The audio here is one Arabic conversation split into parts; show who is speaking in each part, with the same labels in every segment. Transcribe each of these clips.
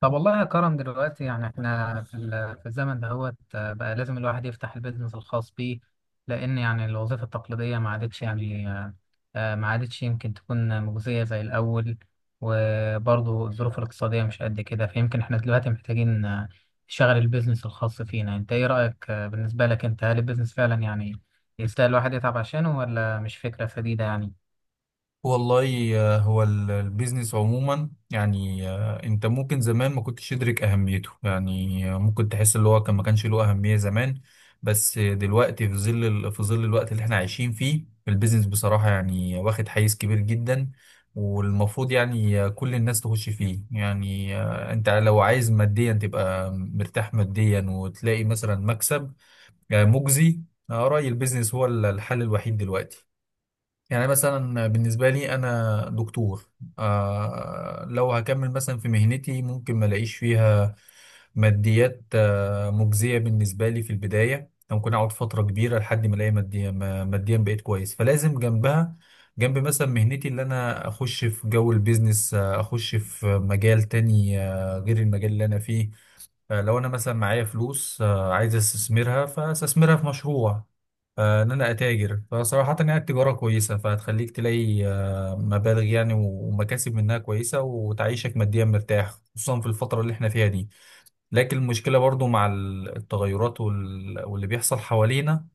Speaker 1: طب، والله يا كرم، دلوقتي يعني احنا في الزمن دهوت، بقى لازم الواحد يفتح البيزنس الخاص بيه. لأن يعني الوظيفة التقليدية ما عادتش يعني آه، آه، ما عادتش يمكن تكون مجزية زي الأول. وبرضه الظروف الاقتصادية مش قد كده، فيمكن احنا دلوقتي محتاجين نشغل البيزنس الخاص فينا. انت ايه رأيك بالنسبة لك انت؟ هل البيزنس فعلا يعني يستاهل الواحد يتعب عشانه ولا مش فكرة سديدة يعني؟
Speaker 2: والله هو البيزنس عموما يعني انت ممكن زمان ما كنتش تدرك اهميته يعني ممكن تحس اللي هو كان ما كانش له اهمية زمان. بس دلوقتي في ظل الوقت اللي احنا عايشين فيه البيزنس بصراحة يعني واخد حيز كبير جدا. والمفروض يعني كل الناس تخش فيه، يعني انت لو عايز ماديا تبقى مرتاح ماديا وتلاقي مثلا مكسب مجزي. رأيي البيزنس هو الحل الوحيد دلوقتي. يعني مثلا بالنسبة لي أنا دكتور. لو هكمل مثلا في مهنتي ممكن ما الاقيش فيها ماديات مجزية بالنسبة لي. في البداية ممكن أقعد فترة كبيرة لحد ما ألاقي ماديا ماديا بقيت كويس، فلازم جنبها جنب مثلا مهنتي اللي أنا أخش في جو البيزنس، أخش في مجال تاني غير المجال اللي أنا فيه. لو انا مثلا معايا فلوس عايز استثمرها فاستثمرها في مشروع، ان انا اتاجر. فصراحة يعني التجارة كويسة فهتخليك تلاقي مبالغ يعني ومكاسب منها كويسة وتعيشك ماديا مرتاح، خصوصا في الفترة اللي احنا فيها دي. لكن المشكلة برضو مع التغيرات واللي بيحصل حوالينا.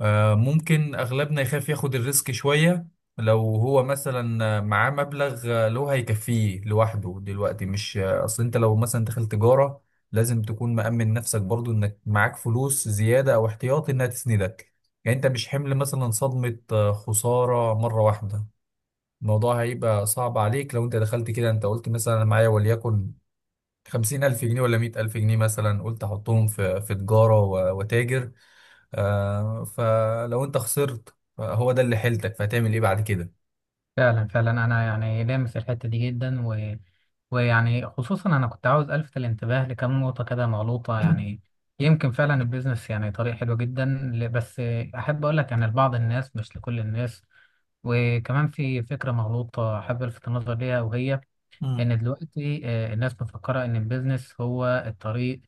Speaker 2: ممكن أغلبنا يخاف ياخد الريسك شوية. لو هو مثلا معاه مبلغ اللي هو هيكفيه لوحده دلوقتي مش أصل أنت لو مثلا دخل تجارة لازم تكون مأمن نفسك برضو إنك معاك فلوس زيادة أو احتياطي إنها تسندك. يعني أنت مش حمل مثلا صدمة خسارة مرة واحدة. الموضوع هيبقى صعب عليك لو أنت دخلت كده. أنت قلت مثلا أنا معايا وليكن 50,000 جنيه ولا 100,000 جنيه، مثلا قلت أحطهم في تجارة وتاجر. فلو انت خسرت هو ده اللي حيلتك فهتعمل ايه بعد كده؟
Speaker 1: فعلا فعلا انا يعني لامس الحته دي جدا، و... ويعني خصوصا انا كنت عاوز الفت الانتباه لكم نقطه كده مغلوطه يعني. يمكن فعلا البيزنس يعني طريق حلو جدا، بس احب اقول لك يعني لبعض الناس، مش لكل الناس. وكمان في فكره مغلوطه احب الفت النظر ليها، وهي
Speaker 2: مم.
Speaker 1: ان دلوقتي الناس مفكره ان البيزنس هو الطريق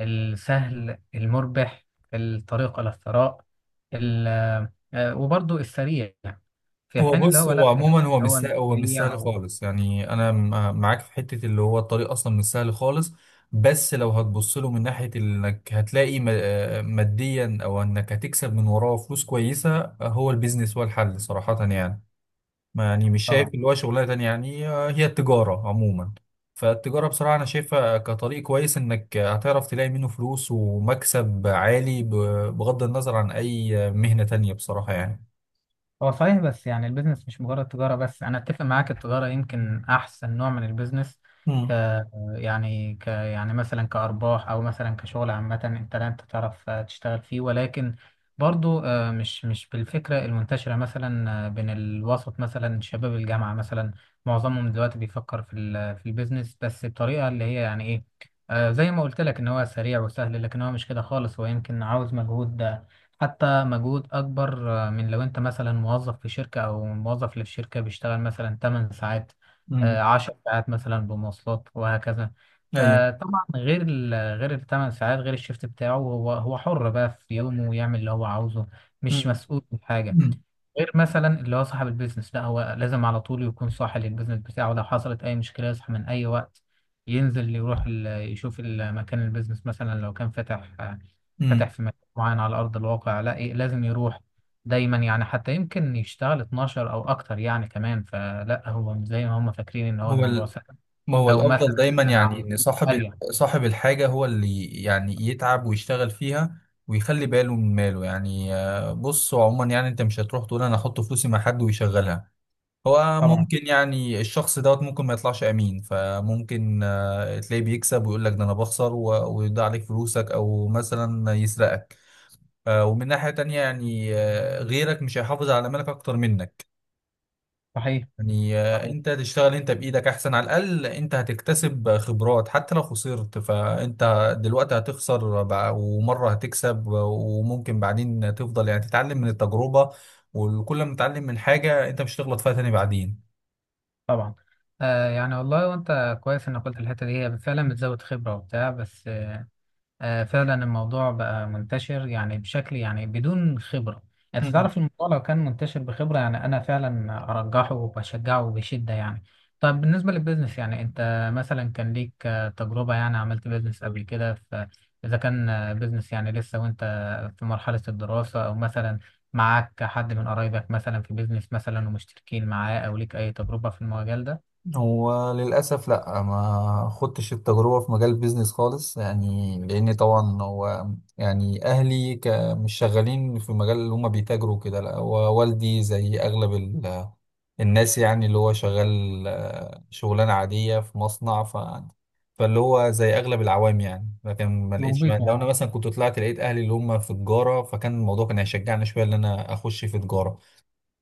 Speaker 1: السهل المربح، الطريق الى الثراء، ال- وبرضه السريع. في
Speaker 2: هو
Speaker 1: حين اللي
Speaker 2: بص
Speaker 1: هو
Speaker 2: هو
Speaker 1: لا، اللي
Speaker 2: عموما هو مش
Speaker 1: هو
Speaker 2: سهل،
Speaker 1: مش
Speaker 2: هو مش
Speaker 1: سريع
Speaker 2: سهل خالص يعني. انا معاك في حته اللي هو الطريق اصلا مش سهل خالص. بس لو هتبص له من ناحيه انك هتلاقي ماديا، او انك هتكسب من وراه فلوس كويسه هو البيزنس هو الحل صراحه يعني. ما يعني مش شايف
Speaker 1: طبعا.
Speaker 2: اللي هو شغلانه تانية يعني هي التجاره عموما. فالتجاره بصراحه انا شايفها كطريق كويس انك هتعرف تلاقي منه فلوس ومكسب عالي بغض النظر عن اي مهنه تانية بصراحه يعني.
Speaker 1: هو صحيح، بس يعني البيزنس مش مجرد تجارة بس. أنا أتفق معاك، التجارة يمكن أحسن نوع من البيزنس،
Speaker 2: امم.
Speaker 1: ك يعني ك يعني مثلا كأرباح، أو مثلا كشغل عامة. أنت لا أنت تعرف تشتغل فيه، ولكن برضو مش بالفكرة المنتشرة مثلا بين الوسط مثلا شباب الجامعة مثلا. معظمهم دلوقتي بيفكر في البيزنس، بس بطريقة اللي هي يعني إيه، زي ما قلت لك، إن هو سريع وسهل. لكن هو مش كده خالص، هو يمكن عاوز مجهود، حتى مجهود أكبر من لو أنت مثلا موظف في شركة، أو موظف اللي في شركة بيشتغل مثلا 8 ساعات،
Speaker 2: امم.
Speaker 1: 10 ساعات مثلا، بمواصلات وهكذا.
Speaker 2: ايوه.
Speaker 1: فطبعا غير الثمان ساعات، غير الشيفت بتاعه، هو حر بقى في يومه، ويعمل اللي هو عاوزه، مش
Speaker 2: امم.
Speaker 1: مسؤول من حاجة.
Speaker 2: امم.
Speaker 1: غير مثلا اللي هو صاحب البيزنس، لا، هو لازم على طول يكون صاحي للبيزنس بتاعه، لو حصلت اي مشكله يصحى من اي وقت، ينزل يشوف مكان البيزنس مثلا لو كان فاتح
Speaker 2: أمم.
Speaker 1: في مكان معين على ارض الواقع. لا إيه، لازم يروح دايما يعني، حتى يمكن يشتغل 12 او اكتر يعني كمان. فلا هو مش زي ما هم فاكرين ان هو
Speaker 2: هو
Speaker 1: الموضوع
Speaker 2: ال...
Speaker 1: سهل.
Speaker 2: ما هو
Speaker 1: او مثلا
Speaker 2: الافضل دايما يعني
Speaker 1: على
Speaker 2: ان صاحب
Speaker 1: اريح.
Speaker 2: صاحب الحاجه هو اللي يعني يتعب ويشتغل فيها، ويخلي باله من ماله. يعني بص هو عموما يعني انت مش هتروح تقول انا احط فلوسي مع حد ويشغلها. هو
Speaker 1: طبعا.
Speaker 2: ممكن يعني الشخص دوت ممكن ما يطلعش امين، فممكن تلاقيه بيكسب ويقول لك ده انا بخسر ويضيع عليك فلوسك او مثلا يسرقك. ومن ناحية تانية يعني غيرك مش هيحافظ على مالك اكتر منك.
Speaker 1: صحيح.
Speaker 2: يعني
Speaker 1: صحيح.
Speaker 2: انت تشتغل انت بايدك احسن، على الاقل انت هتكتسب خبرات. حتى لو خسرت فانت دلوقتي هتخسر ومرة هتكسب وممكن بعدين تفضل يعني تتعلم من التجربة. وكل ما تتعلم من حاجة انت مش هتغلط فيها تاني بعدين.
Speaker 1: طبعا. آه يعني والله، وانت كويس انك قلت الحته دي، هي فعلا بتزود خبره وبتاع. بس فعلا الموضوع بقى منتشر يعني بشكل يعني بدون خبرة. يعني انت تعرف، الموضوع لو كان منتشر بخبرة يعني، انا فعلا ارجحه وبشجعه بشدة يعني. طب بالنسبة للبيزنس، يعني انت مثلا كان ليك تجربة؟ يعني عملت بيزنس قبل كده، اذا كان بيزنس يعني لسه وانت في مرحلة الدراسة، او مثلا معاك حد من قرايبك مثلا في بيزنس مثلا ومشتركين معاه، او ليك اي تجربة في المجال ده؟
Speaker 2: هو للأسف لأ، ما خدتش التجربة في مجال البيزنس خالص يعني، لأن طبعا هو يعني أهلي مش شغالين في المجال اللي هما بيتاجروا كده. لأ هو والدي زي أغلب الناس يعني، اللي هو شغال شغلانة عادية في مصنع، فاللي هو زي أغلب العوام يعني. لكن ما لقيتش، لو أنا
Speaker 1: وظيفة.
Speaker 2: مثلا كنت طلعت لقيت أهلي اللي هما في تجارة فكان الموضوع كان هيشجعني شوية إن أنا أخش في تجارة.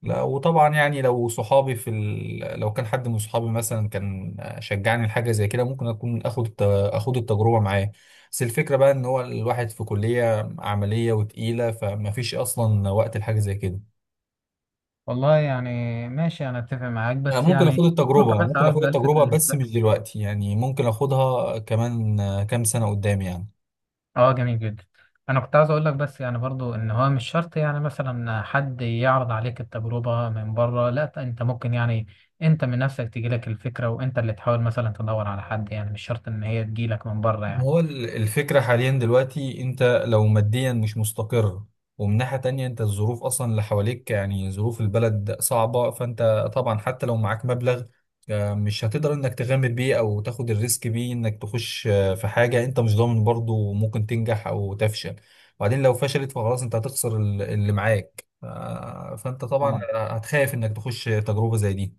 Speaker 2: لا وطبعا يعني لو صحابي لو كان حد من صحابي مثلا كان شجعني لحاجه زي كده ممكن اكون اخد التجربه معاه. بس الفكره بقى ان هو الواحد في كليه عمليه وتقيله فما فيش اصلا وقت لحاجه زي كده.
Speaker 1: والله يعني ماشي، انا اتفق معاك،
Speaker 2: لا
Speaker 1: بس
Speaker 2: ممكن اخد
Speaker 1: يعني نقطة
Speaker 2: التجربه،
Speaker 1: بس
Speaker 2: ممكن اخد
Speaker 1: عاوز الفت
Speaker 2: التجربه بس
Speaker 1: الانتباه.
Speaker 2: مش دلوقتي يعني، ممكن اخدها كمان كام سنه قدام يعني.
Speaker 1: اه، جميل جدا. انا كنت عاوز اقول لك بس، يعني برضو ان هو مش شرط يعني مثلا حد يعرض عليك التجربة من بره. لا، انت ممكن يعني انت من نفسك تجيلك الفكرة، وانت اللي تحاول مثلا تدور على حد، يعني مش شرط ان هي تجيلك من بره
Speaker 2: ما
Speaker 1: يعني.
Speaker 2: هو الفكرة حاليا دلوقتي انت لو ماديا مش مستقر، ومن ناحية تانية انت الظروف اصلا اللي حواليك يعني ظروف البلد صعبة. فانت طبعا حتى لو معاك مبلغ مش هتقدر انك تغامر بيه او تاخد الريسك بيه، انك تخش في حاجة انت مش ضامن برضو ممكن تنجح او تفشل. وبعدين لو فشلت فخلاص انت هتخسر اللي معاك فانت طبعا هتخاف انك تخش تجربة زي دي.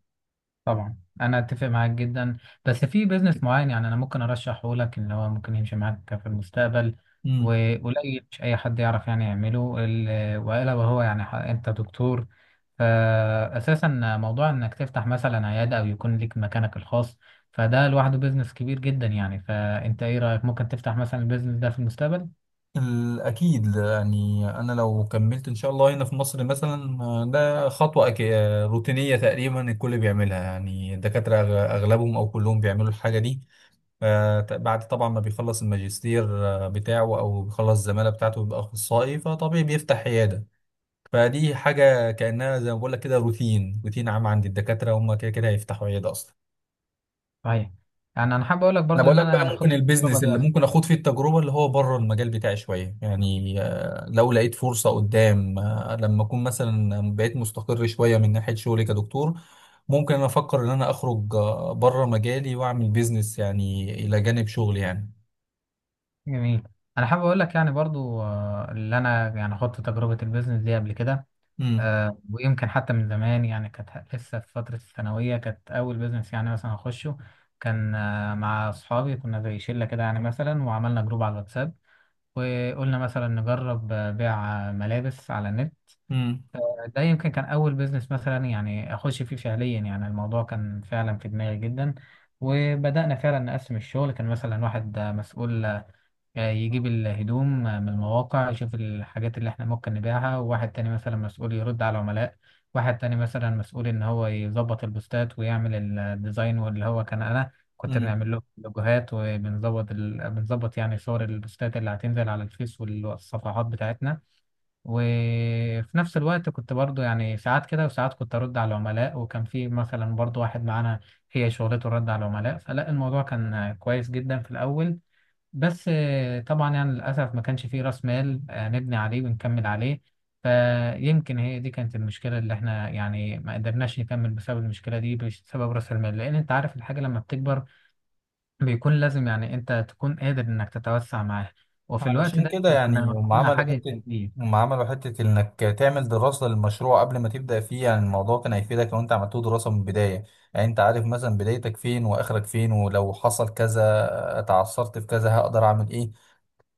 Speaker 1: طبعا، انا اتفق معاك جدا، بس في بيزنس معين يعني انا ممكن ارشحه لك ان هو ممكن يمشي معاك في المستقبل.
Speaker 2: مم.
Speaker 1: وقليل مش اي حد يعرف يعني يعمله، والا وهو يعني انت دكتور، فاساسا موضوع انك تفتح مثلا عياده او يكون لك مكانك الخاص، فده لوحده بيزنس كبير جدا يعني. فانت ايه رايك؟ ممكن تفتح مثلا البيزنس ده في المستقبل؟
Speaker 2: أكيد يعني أنا لو كملت إن شاء الله هنا في مصر مثلا ده خطوة أكي... آه، روتينية تقريبا الكل بيعملها يعني. الدكاترة أغلبهم أو كلهم بيعملوا الحاجة دي. بعد طبعا ما بيخلص الماجستير بتاعه أو بيخلص الزمالة بتاعته بيبقى أخصائي فطبيعي بيفتح عيادة. فدي حاجة كأنها زي ما بقول لك كده روتين روتين عام عند الدكاترة، هم كده كده هيفتحوا عيادة أصلا.
Speaker 1: صحيح. يعني انا حابب اقول لك
Speaker 2: انا
Speaker 1: برضو
Speaker 2: بقول
Speaker 1: ان
Speaker 2: لك
Speaker 1: انا
Speaker 2: بقى
Speaker 1: يعني
Speaker 2: ممكن
Speaker 1: خطه التجربه
Speaker 2: البيزنس اللي
Speaker 1: دي.
Speaker 2: ممكن اخوض فيه التجربه اللي هو بره المجال بتاعي شويه يعني، لو لقيت فرصه قدام لما اكون مثلا بقيت مستقر شويه من ناحيه شغلي كدكتور، ممكن انا افكر ان انا اخرج بره مجالي واعمل بيزنس يعني الى جانب شغلي يعني.
Speaker 1: جميل. انا حابب اقول لك يعني برضو، اللي انا يعني خدت تجربه البيزنس دي قبل كده،
Speaker 2: امم.
Speaker 1: ويمكن حتى من زمان. يعني كانت لسه في فتره الثانويه، كانت اول بيزنس يعني مثلا اخشه. كان مع اصحابي، كنا زي شله كده يعني مثلا، وعملنا جروب على الواتساب، وقلنا مثلا نجرب بيع ملابس على النت. ده يمكن كان اول بيزنس مثلا يعني اخش فيه فعليا. يعني الموضوع كان فعلا في دماغي جدا. وبدأنا فعلا نقسم الشغل. كان مثلا واحد مسؤول يجيب الهدوم من المواقع، يشوف الحاجات اللي احنا ممكن نبيعها. وواحد تاني مثلا مسؤول يرد على العملاء. واحد تاني مثلا مسؤول ان هو يظبط البوستات ويعمل الديزاين، واللي هو كان انا، كنت
Speaker 2: امم.
Speaker 1: بنعمل له لوجوهات وبنظبط ال... بنظبط يعني صور البوستات اللي هتنزل على الفيس والصفحات بتاعتنا. وفي نفس الوقت كنت برضو يعني ساعات كده، وساعات كنت ارد على العملاء. وكان في مثلا برضو واحد معانا هي شغلته الرد على العملاء. فلا الموضوع كان كويس جدا في الاول، بس طبعا يعني للأسف ما كانش فيه رأس مال نبني عليه ونكمل عليه. فيمكن هي دي كانت المشكلة، اللي احنا يعني ما قدرناش نكمل بسبب المشكلة دي، بسبب رأس المال. لأن انت عارف الحاجة لما بتكبر، بيكون لازم يعني انت تكون قادر انك تتوسع معاها. وفي الوقت
Speaker 2: علشان
Speaker 1: ده
Speaker 2: كده
Speaker 1: إحنا كنا
Speaker 2: يعني
Speaker 1: محتاجين حاجة إيجابية.
Speaker 2: هم عملوا حتة إنك تعمل دراسة للمشروع قبل ما تبدأ فيه. يعني الموضوع كان هيفيدك لو أنت عملته دراسة من البداية، يعني أنت عارف مثلا بدايتك فين وآخرك فين، ولو حصل كذا اتعثرت في كذا هقدر أعمل إيه.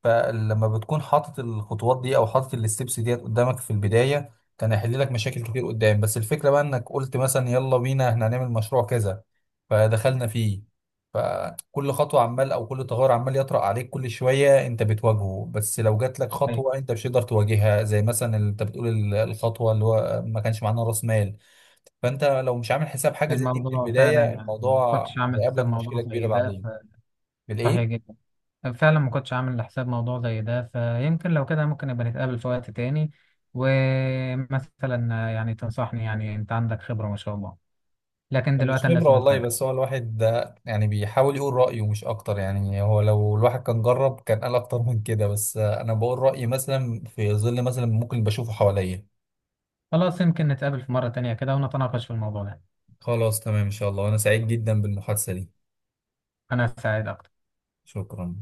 Speaker 2: فلما بتكون حاطط الخطوات دي او حاطط الستبس ديت قدامك في البدايه كان هيحل لك مشاكل كتير قدام. بس الفكره بقى انك قلت مثلا يلا بينا احنا هنعمل مشروع كذا فدخلنا فيه، فكل خطوه عمال او كل تغير عمال يطرأ عليك كل شويه انت بتواجهه. بس لو جات لك
Speaker 1: طيب،
Speaker 2: خطوه انت مش هتقدر تواجهها زي مثلا اللي انت بتقول الخطوه اللي هو ما كانش معانا راس مال. فانت لو مش عامل حساب حاجه زي دي من
Speaker 1: الموضوع فعلا
Speaker 2: البدايه
Speaker 1: يعني ما
Speaker 2: الموضوع
Speaker 1: كنتش عامل
Speaker 2: هيقابلك
Speaker 1: حساب
Speaker 2: مشكله
Speaker 1: موضوع
Speaker 2: كبيره
Speaker 1: زي ده.
Speaker 2: بعدين.
Speaker 1: فصحيح
Speaker 2: بالايه.
Speaker 1: جدا، فعلا ما كنتش عامل لحساب موضوع زي ده. فيمكن لو كده ممكن نبقى نتقابل في وقت تاني، ومثلا يعني تنصحني يعني انت عندك خبرة ما شاء الله. لكن
Speaker 2: مش
Speaker 1: دلوقتي انا
Speaker 2: خبرة
Speaker 1: لازم
Speaker 2: والله،
Speaker 1: استاذن.
Speaker 2: بس هو الواحد ده يعني بيحاول يقول رأيه مش أكتر يعني. هو لو الواحد كان جرب كان قال أكتر من كده، بس أنا بقول رأيي مثلا في ظل مثلا ممكن بشوفه حواليا.
Speaker 1: خلاص يمكن نتقابل في مرة تانية كده، ونتناقش في الموضوع ده.
Speaker 2: خلاص تمام إن شاء الله وأنا سعيد جدا بالمحادثة دي.
Speaker 1: انا سعيد اكتر.
Speaker 2: شكرا.